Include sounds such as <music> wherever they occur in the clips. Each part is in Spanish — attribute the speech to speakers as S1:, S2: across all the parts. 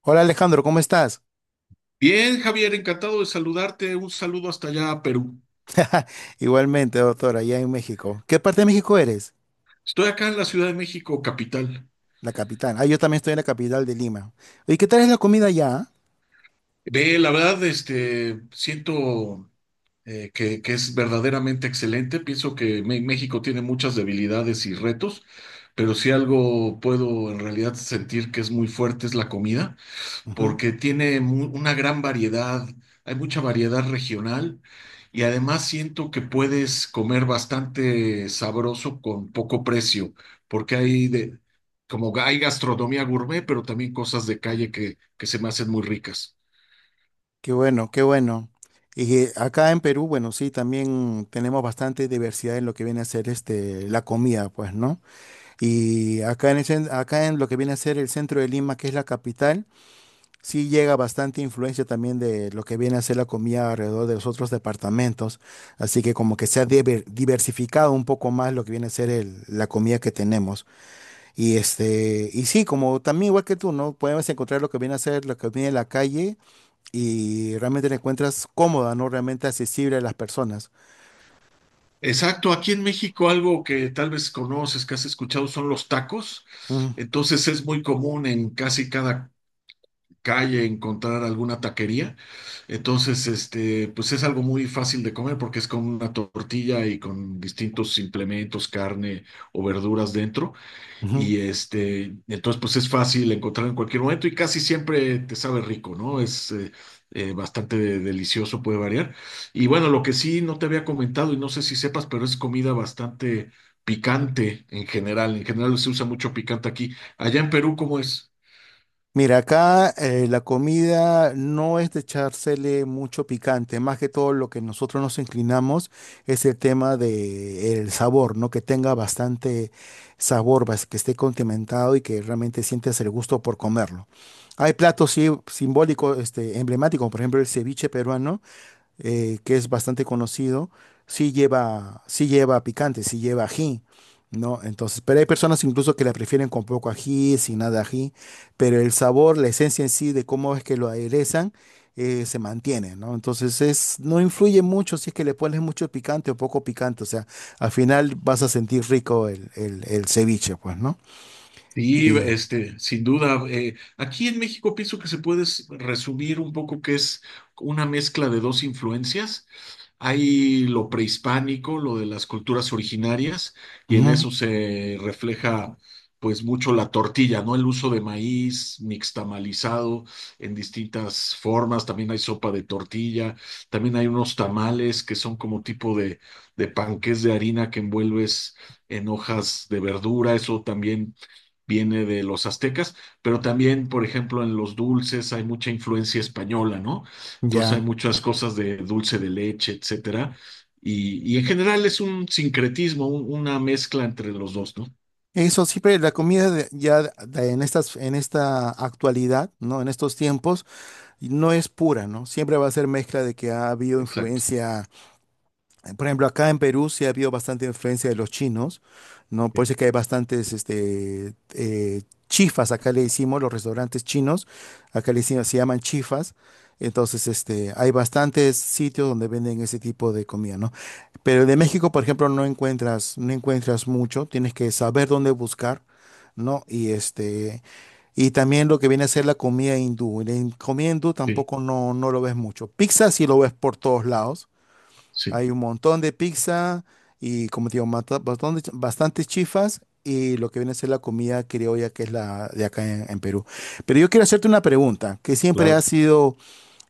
S1: Hola Alejandro, ¿cómo estás?
S2: Bien, Javier, encantado de saludarte. Un saludo hasta allá a Perú.
S1: Igualmente, doctora, allá en México. ¿Qué parte de México eres?
S2: Estoy acá en la Ciudad de México, capital.
S1: La capital. Ah, yo también estoy en la capital de Lima. ¿Y qué tal es la comida allá?
S2: Ve, la verdad, este, siento que es verdaderamente excelente. Pienso que México tiene muchas debilidades y retos, pero si algo puedo en realidad sentir que es muy fuerte es la comida.
S1: Ujú.
S2: Porque tiene una gran variedad, hay mucha variedad regional y además siento que puedes comer bastante sabroso con poco precio, porque hay de, como hay gastronomía gourmet, pero también cosas de calle que se me hacen muy ricas.
S1: Qué bueno, qué bueno. Y acá en Perú, bueno, sí, también tenemos bastante diversidad en lo que viene a ser este, la comida, pues, ¿no? Y acá en acá en lo que viene a ser el centro de Lima, que es la capital. Sí llega bastante influencia también de lo que viene a ser la comida alrededor de los otros departamentos, así que como que se ha diversificado un poco más lo que viene a ser la comida que tenemos. Y este, y sí, como también igual que tú, ¿no? Podemos encontrar lo que viene a ser la comida en la calle y realmente la encuentras cómoda, ¿no? Realmente accesible a las personas.
S2: Exacto, aquí en México algo que tal vez conoces, que has escuchado son los tacos.
S1: Mm,
S2: Entonces es muy común en casi cada calle encontrar alguna taquería. Entonces, este, pues es algo muy fácil de comer porque es con una tortilla y con distintos implementos, carne o verduras dentro.
S1: ujú.
S2: Y este, entonces, pues es fácil encontrar en cualquier momento y casi siempre te sabe rico, ¿no? Es bastante delicioso, puede variar. Y bueno, lo que sí no te había comentado y no sé si sepas, pero es comida bastante picante en general. En general se usa mucho picante aquí. Allá en Perú, ¿cómo es?
S1: Mira, acá la comida no es de echársele mucho picante, más que todo lo que nosotros nos inclinamos es el tema de el sabor, ¿no? Que tenga bastante sabor, que esté condimentado y que realmente sientas el gusto por comerlo. Hay platos sí, simbólicos, este, emblemáticos, por ejemplo, el ceviche peruano que es bastante conocido, sí lleva picante, sí lleva ají, ¿no? Entonces, pero hay personas incluso que la prefieren con poco ají, sin nada de ají, pero el sabor, la esencia en sí de cómo es que lo aderezan, se mantiene, ¿no? Entonces, es, no influye mucho si es que le pones mucho picante o poco picante, o sea, al final vas a sentir rico el ceviche, pues, ¿no?
S2: Sí,
S1: Y
S2: este, sin duda. Aquí en México pienso que se puede resumir un poco que es una mezcla de dos influencias. Hay lo prehispánico, lo de las culturas originarias, y en
S1: ujú,
S2: eso se refleja pues mucho la tortilla, ¿no? El uso de maíz mixtamalizado en distintas formas. También hay sopa de tortilla, también hay unos tamales que son como tipo de panqués de harina que envuelves en hojas de verdura. Eso también viene de los aztecas, pero también, por ejemplo, en los dulces hay mucha influencia española, ¿no? Entonces hay
S1: ya.
S2: muchas cosas de dulce de leche, etcétera. Y en general es un sincretismo, una mezcla entre los dos, ¿no?
S1: Eso siempre la comida en estas, en esta actualidad, ¿no? En estos tiempos, no es pura, ¿no? Siempre va a ser mezcla de que ha habido
S2: Exacto.
S1: influencia, por ejemplo, acá en Perú sí ha habido bastante influencia de los chinos, ¿no? Por
S2: Sí,
S1: eso es que hay bastantes este, chifas, acá le decimos, los restaurantes chinos, acá le decimos, se llaman chifas. Entonces, este, hay bastantes sitios donde venden ese tipo de comida, ¿no? Pero de México, por ejemplo, no encuentras mucho, tienes que saber dónde buscar, ¿no? Y este, y también lo que viene a ser la comida hindú. Comida hindú
S2: sí,
S1: tampoco no, no lo ves mucho. Pizza sí lo ves por todos lados.
S2: sí,
S1: Hay un montón de pizza y, como te digo, bastantes chifas y lo que viene a ser la comida criolla que es la de acá en Perú. Pero yo quiero hacerte una pregunta que siempre ha
S2: claro.
S1: sido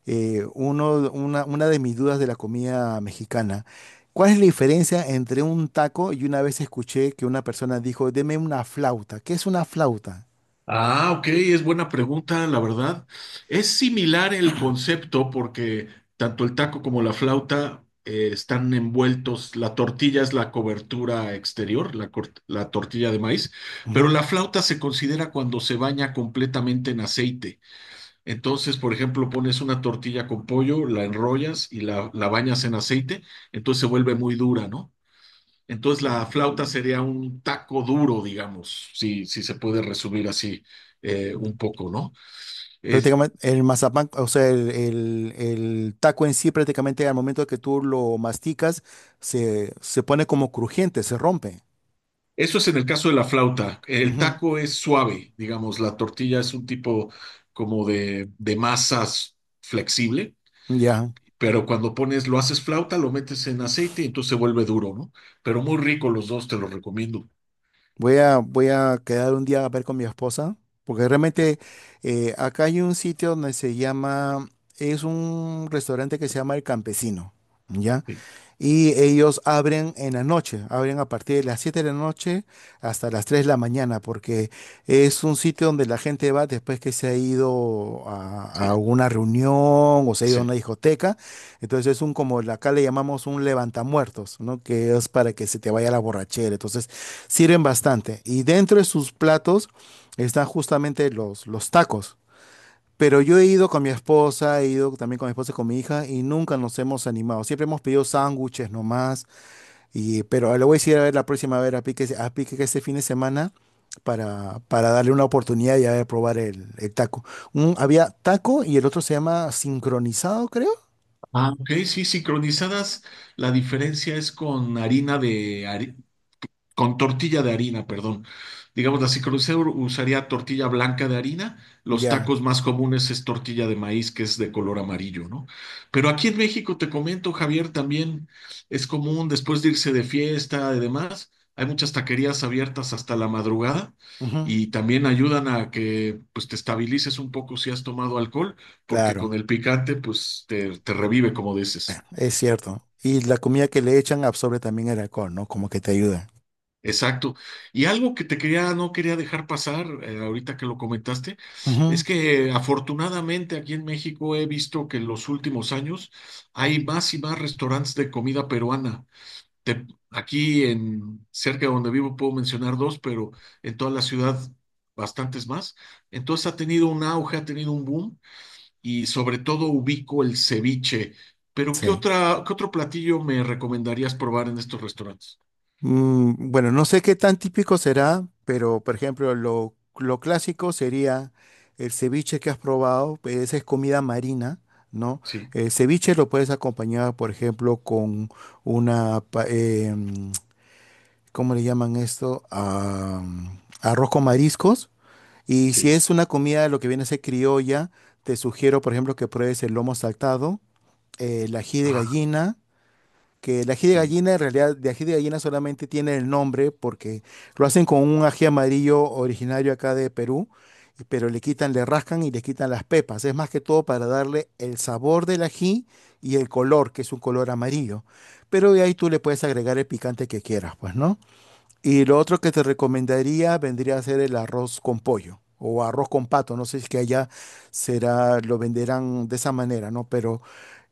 S1: una de mis dudas de la comida mexicana. ¿Cuál es la diferencia entre un taco y una vez escuché que una persona dijo, deme una flauta? ¿Qué es una flauta?
S2: Ah, ok, es buena pregunta, la verdad. Es similar el concepto porque tanto el taco como la flauta están envueltos, la tortilla es la cobertura exterior, la, la tortilla de maíz, pero
S1: Ujú.
S2: la flauta se considera cuando se baña completamente en aceite. Entonces, por ejemplo, pones una tortilla con pollo, la enrollas y la bañas en aceite, entonces se vuelve muy dura, ¿no? Entonces la flauta sería un taco duro, digamos, si, si se puede resumir así un poco, ¿no? Es-
S1: Prácticamente el mazapán, o sea, el taco en sí prácticamente al momento que tú lo masticas se pone como crujiente, se rompe.
S2: Eso es en el caso de la flauta. El
S1: Ujú,
S2: taco es suave, digamos, la tortilla es un tipo como de masas flexible,
S1: ya.
S2: pero cuando pones, lo haces flauta, lo metes en aceite y entonces se vuelve duro, ¿no? Pero muy rico los dos, te los recomiendo.
S1: Voy a voy a, quedar un día a ver con mi esposa, porque realmente acá hay un sitio donde se llama, es un restaurante que se llama El Campesino, ¿ya?
S2: Sí,
S1: Y ellos abren en la noche, abren a partir de las 7 de la noche hasta las 3 de la mañana, porque es un sitio donde la gente va después que se ha ido
S2: sí,
S1: a una reunión o se ha ido a
S2: sí.
S1: una discoteca, entonces es un como acá le llamamos un levantamuertos, ¿no? Que es para que se te vaya la borrachera, entonces sirven bastante y dentro de sus platos están justamente los tacos. Pero yo he ido con mi esposa, he ido también con mi esposa y con mi hija y nunca nos hemos animado. Siempre hemos pedido sándwiches nomás, y, pero le voy a decir a ver la próxima, a ver a Pique que este fin de semana para darle una oportunidad y a ver probar el taco. Había taco y el otro se llama sincronizado, creo.
S2: Ah, ok, sí, sincronizadas, la diferencia es con harina de, con tortilla de harina, perdón. Digamos así, crucero usaría tortilla blanca de harina. Los
S1: Ya,
S2: tacos más comunes es tortilla de maíz, que es de color amarillo, ¿no? Pero aquí en México, te comento, Javier, también es común después de irse de fiesta y demás. Hay muchas taquerías abiertas hasta la madrugada
S1: ujú.
S2: y también ayudan a que pues te estabilices un poco si has tomado alcohol, porque
S1: Claro,
S2: con el picante pues te revive, como dices.
S1: es cierto. Y la comida que le echan absorbe también el alcohol, ¿no? Como que te ayuda.
S2: Exacto. Y algo que te quería, no quería dejar pasar, ahorita que lo comentaste, es
S1: Ujú.
S2: que afortunadamente aquí en México he visto que en los últimos años hay más y más restaurantes de comida peruana. Te- Aquí en cerca de donde vivo puedo mencionar dos, pero en toda la ciudad bastantes más. Entonces ha tenido un auge, ha tenido un boom y sobre todo ubico el ceviche. Pero ¿qué
S1: Sí.
S2: otra, qué otro platillo me recomendarías probar en estos restaurantes?
S1: Mm, bueno, no sé qué tan típico será, pero por ejemplo, lo clásico sería el ceviche que has probado, pues, esa es comida marina, ¿no?
S2: Sí,
S1: El ceviche lo puedes acompañar, por ejemplo, con una, pa- eh, mm, ¿cómo le llaman esto? Ah, arroz con mariscos. Y si
S2: sí.
S1: es una comida, lo que viene a ser criolla, te sugiero, por ejemplo, que pruebes el lomo saltado, el ají de gallina, que el ají de
S2: Sí.
S1: gallina, en realidad, de ají de gallina solamente tiene el nombre porque lo hacen con un ají amarillo originario acá de Perú, y- pero le quitan, le rascan y le quitan las pepas. Es más que todo para darle el sabor del ají y el color, que es un color amarillo. Pero de ahí tú le puedes agregar el picante que quieras, pues, ¿no? Y lo otro que te recomendaría vendría a ser el arroz con pollo o arroz con pato. No sé si es que allá será, lo venderán de esa manera, ¿no? Pero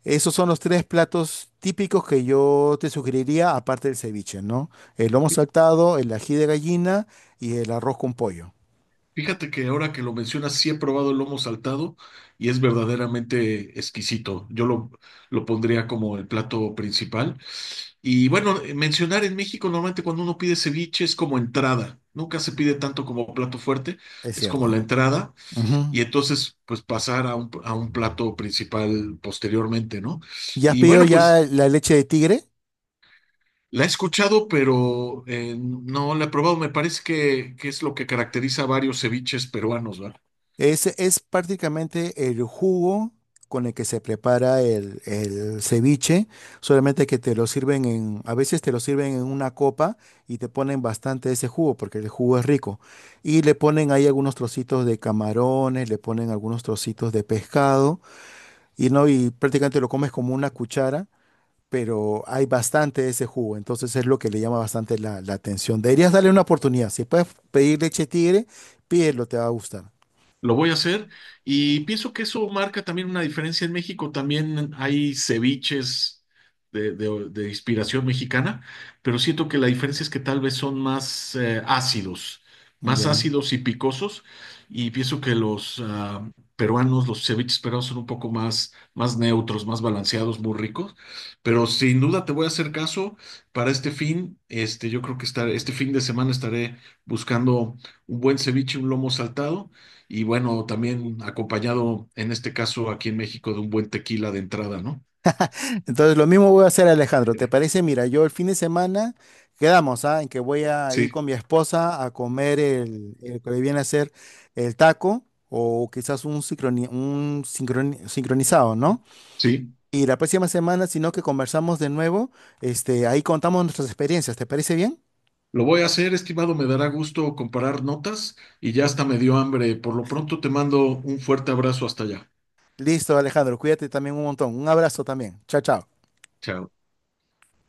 S1: esos son los tres platos típicos que yo te sugeriría, aparte del ceviche, ¿no? El lomo saltado, el ají de gallina y el arroz con pollo.
S2: Fíjate que ahora que lo mencionas, sí he probado el lomo saltado y es verdaderamente exquisito. Lo pondría como el plato principal. Y bueno, mencionar en México normalmente cuando uno pide ceviche es como entrada. Nunca se pide tanto como plato fuerte,
S1: Es
S2: es
S1: cierto,
S2: como la
S1: ¿no?
S2: entrada
S1: Ujú.
S2: y entonces pues pasar a a un plato principal posteriormente, ¿no?
S1: ¿Ya has
S2: Y
S1: pedido
S2: bueno,
S1: ya
S2: pues
S1: la leche de tigre?
S2: la he escuchado, pero no la he probado. Me parece que es lo que caracteriza a varios ceviches peruanos, ¿verdad?
S1: Es prácticamente el jugo con el que se prepara el ceviche, solamente que te lo sirven en, a veces te lo sirven en una copa y te ponen bastante ese jugo porque el jugo es rico. Y le ponen ahí algunos trocitos de camarones, le ponen algunos trocitos de pescado y no, y prácticamente lo comes como una cuchara, pero hay bastante de ese jugo, entonces es lo que le llama bastante la atención. Deberías darle una oportunidad. Si puedes pedir leche tigre, pídelo, te va a gustar.
S2: Lo voy a hacer y pienso que eso marca también una diferencia en México. También hay ceviches de, de inspiración mexicana, pero siento que la diferencia es que tal vez son más ácidos, más
S1: Ya.
S2: ácidos y picosos. Y pienso que los peruanos, los ceviches peruanos son un poco más, más neutros, más balanceados, muy ricos. Pero sin duda te voy a hacer caso para este fin. Este, yo creo que estar, este fin de semana estaré buscando un buen ceviche, un lomo saltado y bueno, también acompañado en este caso aquí en México de un buen tequila de entrada, ¿no?
S1: Entonces lo mismo voy a hacer Alejandro, ¿te
S2: <laughs>
S1: parece? Mira, yo el fin de semana quedamos, ¿ah? En que voy a ir
S2: Sí,
S1: con mi esposa a comer el que le viene a ser el taco o quizás un sincronizado, ¿no?
S2: sí.
S1: Y la próxima semana, si no, que conversamos de nuevo, este, ahí contamos nuestras experiencias, ¿te parece bien?
S2: Lo voy a hacer, estimado, me dará gusto comparar notas y ya hasta me dio hambre. Por lo pronto te mando un fuerte abrazo hasta allá.
S1: Listo, Alejandro, cuídate también un montón. Un abrazo también. Chao, chao.
S2: Chao.